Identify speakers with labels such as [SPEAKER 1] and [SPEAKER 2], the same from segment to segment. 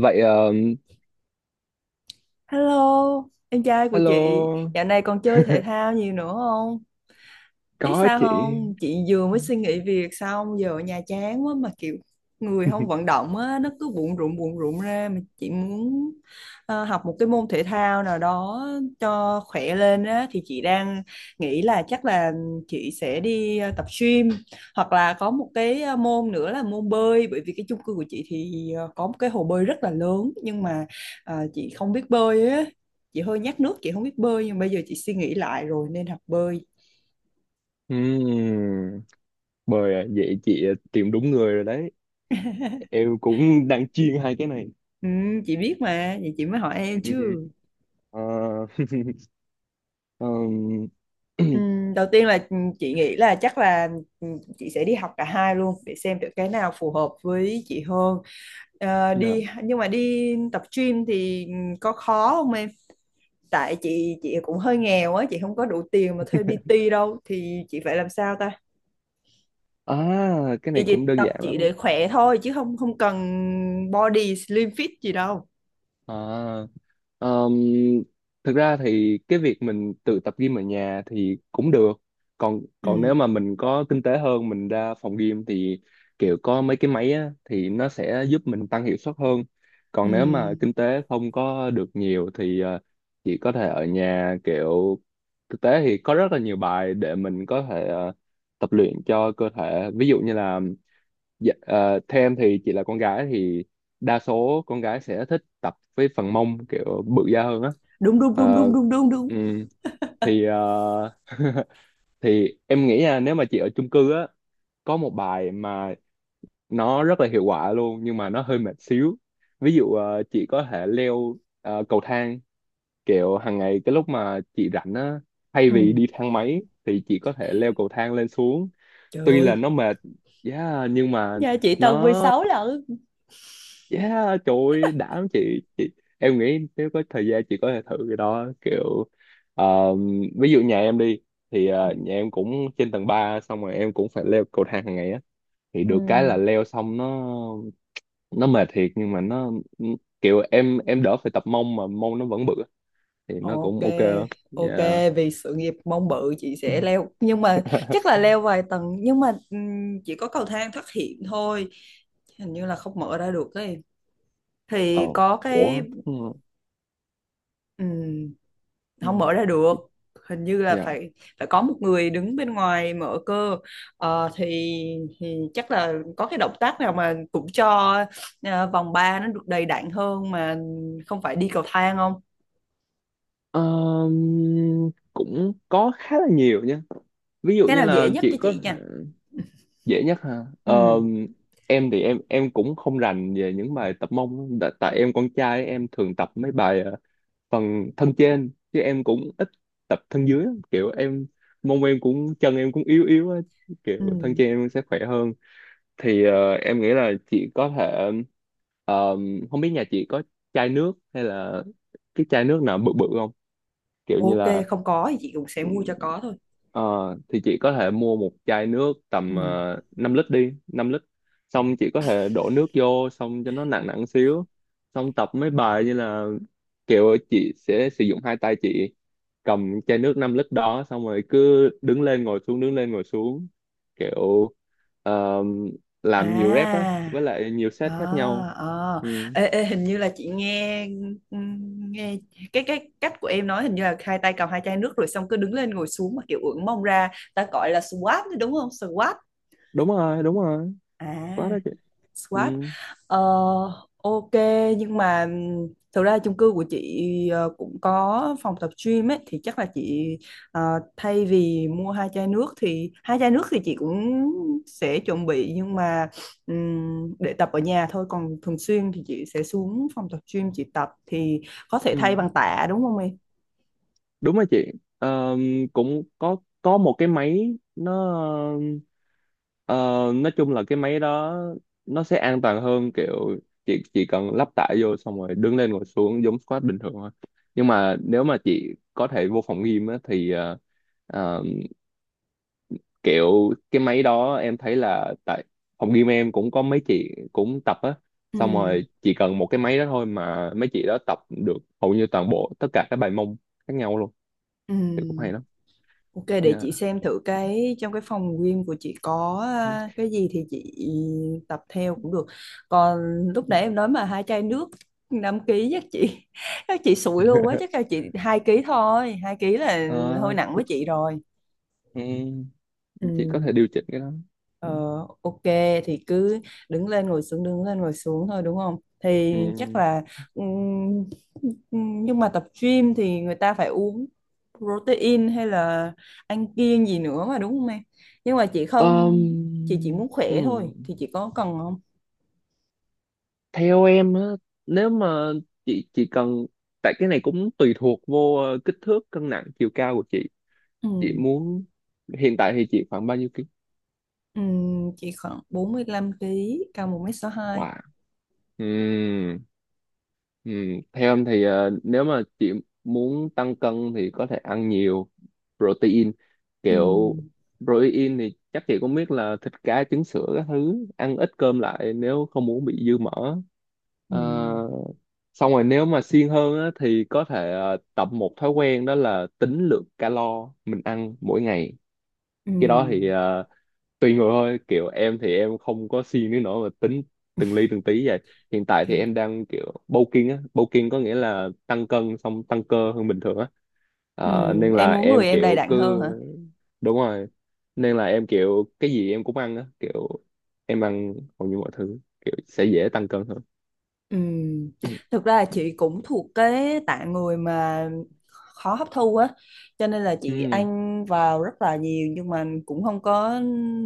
[SPEAKER 1] Vậy
[SPEAKER 2] Hello, em trai của chị,
[SPEAKER 1] hello.
[SPEAKER 2] dạo này còn chơi thể thao nhiều nữa không? Biết
[SPEAKER 1] Có
[SPEAKER 2] sao
[SPEAKER 1] chị.
[SPEAKER 2] không chị vừa mới suy nghĩ việc xong giờ ở nhà chán quá mà kiểu người không vận động á nó cứ bụng rụng ra mà chị muốn học một cái môn thể thao nào đó cho khỏe lên á thì chị đang nghĩ là chắc là chị sẽ đi tập gym hoặc là có một cái môn nữa là môn bơi bởi vì cái chung cư của chị thì có một cái hồ bơi rất là lớn nhưng mà chị không biết bơi á, chị hơi nhát nước chị không biết bơi nhưng bây giờ chị suy nghĩ lại rồi nên học bơi.
[SPEAKER 1] Ừm, Bời à, vậy chị tìm đúng người rồi đấy. Em cũng đang chuyên hai cái này.
[SPEAKER 2] Ừ, chị biết mà, vậy chị mới hỏi em chứ.
[SPEAKER 1] Ờ, ờm,
[SPEAKER 2] Ừ, đầu tiên là chị nghĩ là chắc là ừ, chị sẽ đi học cả hai luôn để xem được cái nào phù hợp với chị hơn. Ờ,
[SPEAKER 1] dạ.
[SPEAKER 2] đi nhưng mà đi tập gym thì có khó không em? Tại chị cũng hơi nghèo á, chị không có đủ tiền mà thuê PT đâu thì chị phải làm sao ta?
[SPEAKER 1] À, cái
[SPEAKER 2] Chị
[SPEAKER 1] này cũng
[SPEAKER 2] chỉ
[SPEAKER 1] đơn
[SPEAKER 2] tập
[SPEAKER 1] giản
[SPEAKER 2] chị
[SPEAKER 1] lắm.
[SPEAKER 2] để khỏe thôi chứ không không cần body slim fit gì đâu.
[SPEAKER 1] À, Ờm, thực ra thì cái việc mình tự tập gym ở nhà thì cũng được. Còn còn nếu
[SPEAKER 2] Ừ,
[SPEAKER 1] mà mình có kinh tế hơn mình ra phòng gym thì kiểu có mấy cái máy á, thì nó sẽ giúp mình tăng hiệu suất hơn.
[SPEAKER 2] ừ,
[SPEAKER 1] Còn nếu mà
[SPEAKER 2] ừ.
[SPEAKER 1] kinh tế không có được nhiều thì chỉ có thể ở nhà kiểu thực tế thì có rất là nhiều bài để mình có thể tập luyện cho cơ thể. Ví dụ như là dạ, theo em thì chị là con gái thì đa số con gái sẽ thích tập với phần mông kiểu bự da hơn á.
[SPEAKER 2] Đúng đúng đúng đúng
[SPEAKER 1] Ờ,
[SPEAKER 2] đúng đúng đúng.
[SPEAKER 1] ừm, thì thì em nghĩ nha, nếu mà chị ở chung cư á, có một bài mà nó rất là hiệu quả luôn nhưng mà nó hơi mệt xíu. Ví dụ chị có thể leo cầu thang kiểu hàng ngày, cái lúc mà chị rảnh á, thay
[SPEAKER 2] Ừ.
[SPEAKER 1] vì đi thang máy thì chị có thể leo cầu thang lên xuống.
[SPEAKER 2] Trời
[SPEAKER 1] Tuy là
[SPEAKER 2] ơi.
[SPEAKER 1] nó mệt, yeah, nhưng mà
[SPEAKER 2] Dạ chị tầng
[SPEAKER 1] nó
[SPEAKER 2] 16 lận.
[SPEAKER 1] Yeah, trời ơi, đảm chị em nghĩ nếu có thời gian chị có thể thử cái đó kiểu ờ, ví dụ nhà em đi, thì
[SPEAKER 2] Ừ.
[SPEAKER 1] nhà em cũng trên tầng 3 xong rồi em cũng phải leo cầu thang hàng ngày á, thì
[SPEAKER 2] Ừ.
[SPEAKER 1] được cái là leo xong nó mệt thiệt nhưng mà nó kiểu em đỡ phải tập mông mà mông nó vẫn bự á. Thì nó
[SPEAKER 2] Ok,
[SPEAKER 1] cũng ok lắm.
[SPEAKER 2] ok,
[SPEAKER 1] Dạ.
[SPEAKER 2] vì sự nghiệp mong bự chị sẽ leo nhưng mà chắc là leo vài tầng nhưng mà chỉ có cầu thang thoát hiểm thôi, hình như là không mở ra được ấy
[SPEAKER 1] Ờ.
[SPEAKER 2] thì có cái
[SPEAKER 1] Ủa. Ừ.
[SPEAKER 2] ừm, không
[SPEAKER 1] Ừ.
[SPEAKER 2] mở ra được, hình như là
[SPEAKER 1] Dạ.
[SPEAKER 2] phải phải có một người đứng bên ngoài mở cơ. Ờ, thì chắc là có cái động tác nào mà cũng cho vòng 3 nó được đầy đặn hơn mà không phải đi cầu thang,
[SPEAKER 1] Cũng có khá là nhiều nha. Ví dụ
[SPEAKER 2] cái
[SPEAKER 1] như
[SPEAKER 2] nào
[SPEAKER 1] là
[SPEAKER 2] dễ nhất cho
[SPEAKER 1] chị có
[SPEAKER 2] chị nha.
[SPEAKER 1] dễ nhất ha.
[SPEAKER 2] Ừ.
[SPEAKER 1] Ờ, em thì em cũng không rành về những bài tập mông lắm. Tại em con trai em thường tập mấy bài phần thân trên chứ em cũng ít tập thân dưới lắm. Kiểu em mông em cũng chân em cũng yếu yếu á,
[SPEAKER 2] Ừ.
[SPEAKER 1] kiểu thân trên em sẽ khỏe hơn. Thì em nghĩ là chị có thể ờ, không biết nhà chị có chai nước hay là cái chai nước nào bự bự không, kiểu như
[SPEAKER 2] Ok,
[SPEAKER 1] là
[SPEAKER 2] không có thì chị cũng sẽ
[SPEAKER 1] Ừ,
[SPEAKER 2] mua cho có thôi.
[SPEAKER 1] Ờ, thì chị có thể mua một chai nước
[SPEAKER 2] Ừ.
[SPEAKER 1] tầm 5 lít đi, 5 lít. Xong chị có thể đổ nước vô xong cho nó nặng nặng xíu. Xong tập mấy bài như là kiểu chị sẽ sử dụng hai tay chị cầm chai nước 5 lít đó xong rồi cứ đứng lên ngồi xuống đứng lên ngồi xuống, kiểu ờ, làm nhiều rep á
[SPEAKER 2] À.
[SPEAKER 1] với lại nhiều
[SPEAKER 2] À.
[SPEAKER 1] set khác nhau.
[SPEAKER 2] Ờ.
[SPEAKER 1] Ừ,
[SPEAKER 2] Ê, ê, hình như là chị nghe, ừ, nghe cái cách của em nói hình như là hai tay cầm hai chai nước rồi xong cứ đứng lên ngồi xuống mà kiểu ưỡn mông ra ta gọi là squat đúng không, squat?
[SPEAKER 1] đúng rồi, đúng rồi.
[SPEAKER 2] À.
[SPEAKER 1] Quá đó chị. Ừ,
[SPEAKER 2] Squat. Ờ, ok, nhưng mà thực ra chung cư của chị cũng có phòng tập gym ấy thì chắc là chị ờ, thay vì mua hai chai nước thì hai chai nước thì chị cũng sẽ chuẩn bị nhưng mà để tập ở nhà thôi còn thường xuyên thì chị sẽ xuống phòng tập gym chị tập thì có thể thay
[SPEAKER 1] ừ.
[SPEAKER 2] bằng tạ đúng không em?
[SPEAKER 1] Đúng rồi chị. Ờ, cũng có một cái máy nó ờ, nói chung là cái máy đó nó sẽ an toàn hơn, kiểu chị chỉ cần lắp tải vô xong rồi đứng lên ngồi xuống giống squat bình thường thôi. Nhưng mà nếu mà chị có thể vô phòng gym á, thì ờ, kiểu cái máy đó em thấy là tại phòng gym em cũng có mấy chị cũng tập á,
[SPEAKER 2] Ừ.
[SPEAKER 1] xong rồi chỉ cần một cái máy đó thôi mà mấy chị đó tập được hầu như toàn bộ tất cả các bài mông khác nhau luôn,
[SPEAKER 2] Ừ.
[SPEAKER 1] thì cũng hay lắm.
[SPEAKER 2] Ok, để
[SPEAKER 1] Yeah.
[SPEAKER 2] chị xem thử cái trong cái phòng gym của chị có à, cái gì thì chị tập theo cũng được. Còn lúc nãy em nói mà hai chai nước 5 ký chắc chị chắc chị sụi luôn quá, chắc là chị 2 ký thôi, 2 ký là hơi
[SPEAKER 1] Ờ,
[SPEAKER 2] nặng với chị rồi.
[SPEAKER 1] ừ,
[SPEAKER 2] Ừ.
[SPEAKER 1] chị có thể điều chỉnh cái đó.
[SPEAKER 2] Ờ,
[SPEAKER 1] Ừ.
[SPEAKER 2] ok, thì cứ đứng lên ngồi xuống đứng lên ngồi xuống thôi đúng không? Thì chắc
[SPEAKER 1] Ừ.
[SPEAKER 2] là ừm, nhưng mà tập gym thì người ta phải uống protein hay là ăn kiêng gì nữa mà đúng không em? Nhưng mà chị
[SPEAKER 1] Ờm,
[SPEAKER 2] không, chị chỉ muốn khỏe thôi
[SPEAKER 1] ừ.
[SPEAKER 2] thì chị có cần không?
[SPEAKER 1] Theo em á, nếu mà chị cần, tại cái này cũng tùy thuộc vô kích thước, cân nặng, chiều cao của chị. Chị
[SPEAKER 2] Ừm,
[SPEAKER 1] muốn hiện tại thì chị khoảng bao nhiêu?
[SPEAKER 2] chị khoảng 45 kg cao 1m62.
[SPEAKER 1] Wow. Ừm, Theo em thì nếu mà chị muốn tăng cân thì có thể ăn nhiều protein. Kiểu
[SPEAKER 2] Ừm,
[SPEAKER 1] protein thì chắc chị cũng biết là thịt, cá, trứng sữa các thứ. Ăn ít cơm lại nếu không muốn bị dư mỡ. Ờ,
[SPEAKER 2] ừm,
[SPEAKER 1] xong rồi nếu mà siêng hơn á, thì có thể tập một thói quen đó là tính lượng calo mình ăn mỗi ngày. Cái đó thì
[SPEAKER 2] ừm,
[SPEAKER 1] tùy người thôi, kiểu em thì em không có siêng đến nỗi mà tính từng ly từng tí vậy. Hiện tại thì em
[SPEAKER 2] ok.
[SPEAKER 1] đang kiểu bulking á, bulking có nghĩa là tăng cân xong tăng cơ hơn bình thường á. Nên là
[SPEAKER 2] Em muốn
[SPEAKER 1] em
[SPEAKER 2] người em đầy
[SPEAKER 1] kiểu
[SPEAKER 2] đặn
[SPEAKER 1] cứ
[SPEAKER 2] hơn hả?
[SPEAKER 1] đúng rồi, nên là em kiểu cái gì em cũng ăn á, kiểu em ăn hầu như mọi thứ, kiểu sẽ dễ tăng cân hơn.
[SPEAKER 2] Ừ, thực ra là chị cũng thuộc cái tạng người mà khó hấp thu á, cho nên là chị
[SPEAKER 1] Ừ.
[SPEAKER 2] ăn vào rất là nhiều nhưng mà cũng không có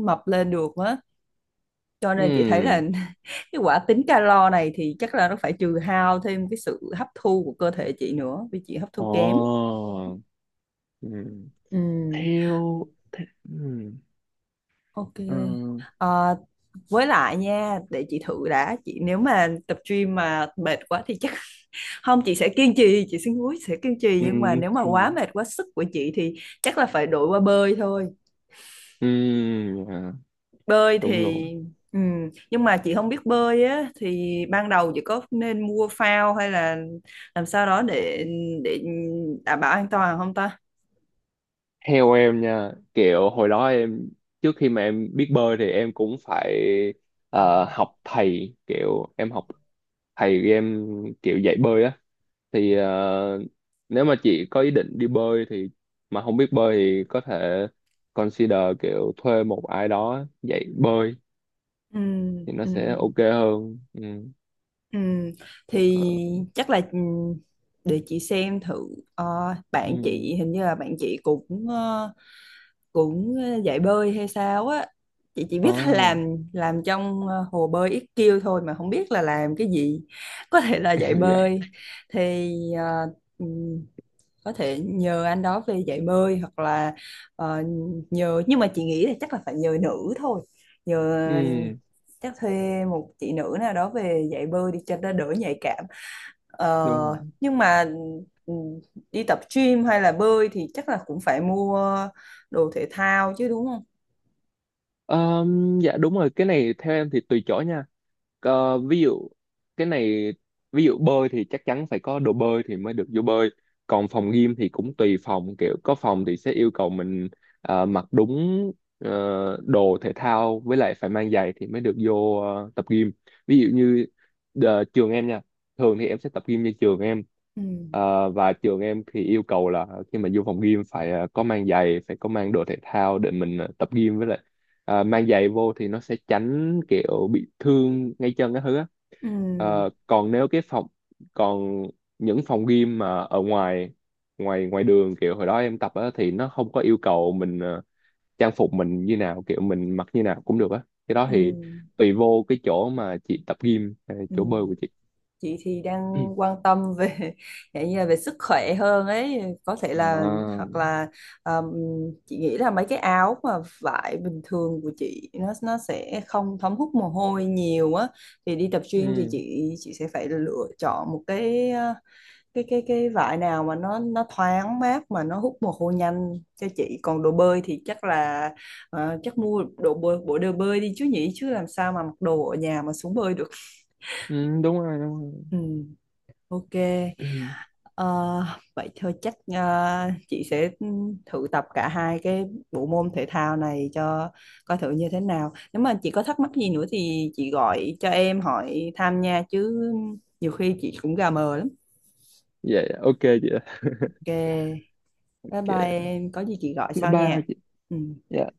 [SPEAKER 2] mập lên được á, cho nên chị thấy là
[SPEAKER 1] Ừ.
[SPEAKER 2] cái quả tính calo này thì chắc là nó phải trừ hao thêm cái sự hấp thu của cơ thể chị nữa vì chị hấp thu
[SPEAKER 1] Ồ.
[SPEAKER 2] kém.
[SPEAKER 1] Ừ.
[SPEAKER 2] Ừ,
[SPEAKER 1] Theo ừ.
[SPEAKER 2] ok.
[SPEAKER 1] Ờ,
[SPEAKER 2] Ờ, với lại nha, để chị thử đã chị, nếu mà tập gym mà mệt quá thì chắc không chị sẽ kiên trì chị xin húi sẽ kiên trì
[SPEAKER 1] ừ.
[SPEAKER 2] nhưng mà nếu mà quá
[SPEAKER 1] thì-
[SPEAKER 2] mệt quá sức của chị thì chắc là phải đổi qua bơi thôi.
[SPEAKER 1] ừ, dạ,
[SPEAKER 2] Bơi
[SPEAKER 1] đúng
[SPEAKER 2] thì
[SPEAKER 1] rồi.
[SPEAKER 2] ừ, nhưng mà chị không biết bơi á thì ban đầu chị có nên mua phao hay là làm sao đó để đảm bảo an toàn không ta?
[SPEAKER 1] Theo em nha, kiểu hồi đó em trước khi mà em biết bơi thì em cũng phải học thầy, kiểu em học thầy em kiểu dạy bơi á. Thì nếu mà chị có ý định đi bơi thì mà không biết bơi thì có thể consider kiểu thuê một ai đó dạy bơi,
[SPEAKER 2] Ừ,
[SPEAKER 1] thì nó
[SPEAKER 2] ừ.
[SPEAKER 1] sẽ ok hơn. Ừ.
[SPEAKER 2] Ừ,
[SPEAKER 1] Ờ,
[SPEAKER 2] thì chắc là để chị xem thử. Ờ, bạn
[SPEAKER 1] Ừ.
[SPEAKER 2] chị hình như là bạn chị cũng cũng dạy bơi hay sao á, chị chỉ biết là
[SPEAKER 1] À,
[SPEAKER 2] làm trong hồ bơi IQ thôi mà không biết là làm cái gì, có thể là dạy
[SPEAKER 1] dạ.
[SPEAKER 2] bơi thì ừ, có thể nhờ anh đó về dạy bơi hoặc là ờ, nhờ nhưng mà chị nghĩ là chắc là phải nhờ nữ thôi, nhờ
[SPEAKER 1] Ừ,
[SPEAKER 2] chắc thuê một chị nữ nào đó về dạy bơi đi cho nó đỡ nhạy cảm.
[SPEAKER 1] đúng rồi.
[SPEAKER 2] Ờ, nhưng mà ừ, đi tập gym hay là bơi thì chắc là cũng phải mua đồ thể thao chứ đúng không?
[SPEAKER 1] Ờ, dạ đúng rồi, cái này theo em thì tùy chỗ nha. Ví dụ cái này, ví dụ bơi thì chắc chắn phải có đồ bơi thì mới được vô bơi. Còn phòng gym thì cũng tùy phòng, kiểu có phòng thì sẽ yêu cầu mình mặc đúng đồ thể thao với lại phải mang giày thì mới được vô tập gym. Ví dụ như trường em nha, thường thì em sẽ tập gym như trường em.
[SPEAKER 2] Ừ.
[SPEAKER 1] Và trường em thì yêu cầu là khi mà vô phòng gym phải có mang giày, phải có mang đồ thể thao để mình tập gym với lại. Mang giày vô thì nó sẽ tránh kiểu bị thương ngay chân cái thứ á.
[SPEAKER 2] Ừ.
[SPEAKER 1] Còn nếu cái phòng còn những phòng gym mà ở ngoài ngoài ngoài đường kiểu hồi đó em tập á, thì nó không có yêu cầu mình trang phục mình như nào, kiểu mình mặc như nào cũng được á, cái đó
[SPEAKER 2] Ừ.
[SPEAKER 1] thì tùy vô cái chỗ mà chị tập gym
[SPEAKER 2] Ừ.
[SPEAKER 1] chỗ bơi của chị.
[SPEAKER 2] Chị thì đang quan tâm về dạng như là về sức khỏe hơn ấy, có thể là
[SPEAKER 1] À,
[SPEAKER 2] hoặc là um, chị nghĩ là mấy cái áo mà vải bình thường của chị nó sẽ không thấm hút mồ hôi nhiều á thì đi tập gym thì
[SPEAKER 1] ừ,
[SPEAKER 2] chị sẽ phải lựa chọn một cái cái vải nào mà nó thoáng mát mà nó hút mồ hôi nhanh cho chị, còn đồ bơi thì chắc là chắc mua đồ bơi, bộ đồ bơi đi chứ nhỉ, chứ làm sao mà mặc đồ ở nhà mà xuống bơi được.
[SPEAKER 1] ừ, đúng rồi đúng
[SPEAKER 2] Ừ, ok.
[SPEAKER 1] rồi.
[SPEAKER 2] Ờ, vậy thôi chắc chị sẽ thử tập cả hai cái bộ môn thể thao này cho coi thử như thế nào. Nếu mà chị có thắc mắc gì nữa thì chị gọi cho em hỏi thăm nha chứ nhiều khi chị cũng gà mờ lắm.
[SPEAKER 1] Vậy ok chị ạ.
[SPEAKER 2] Ok, bye bye
[SPEAKER 1] Ok,
[SPEAKER 2] em, có gì chị gọi
[SPEAKER 1] bye
[SPEAKER 2] sau
[SPEAKER 1] bye
[SPEAKER 2] nha.
[SPEAKER 1] chị.
[SPEAKER 2] Ừ.
[SPEAKER 1] Dạ.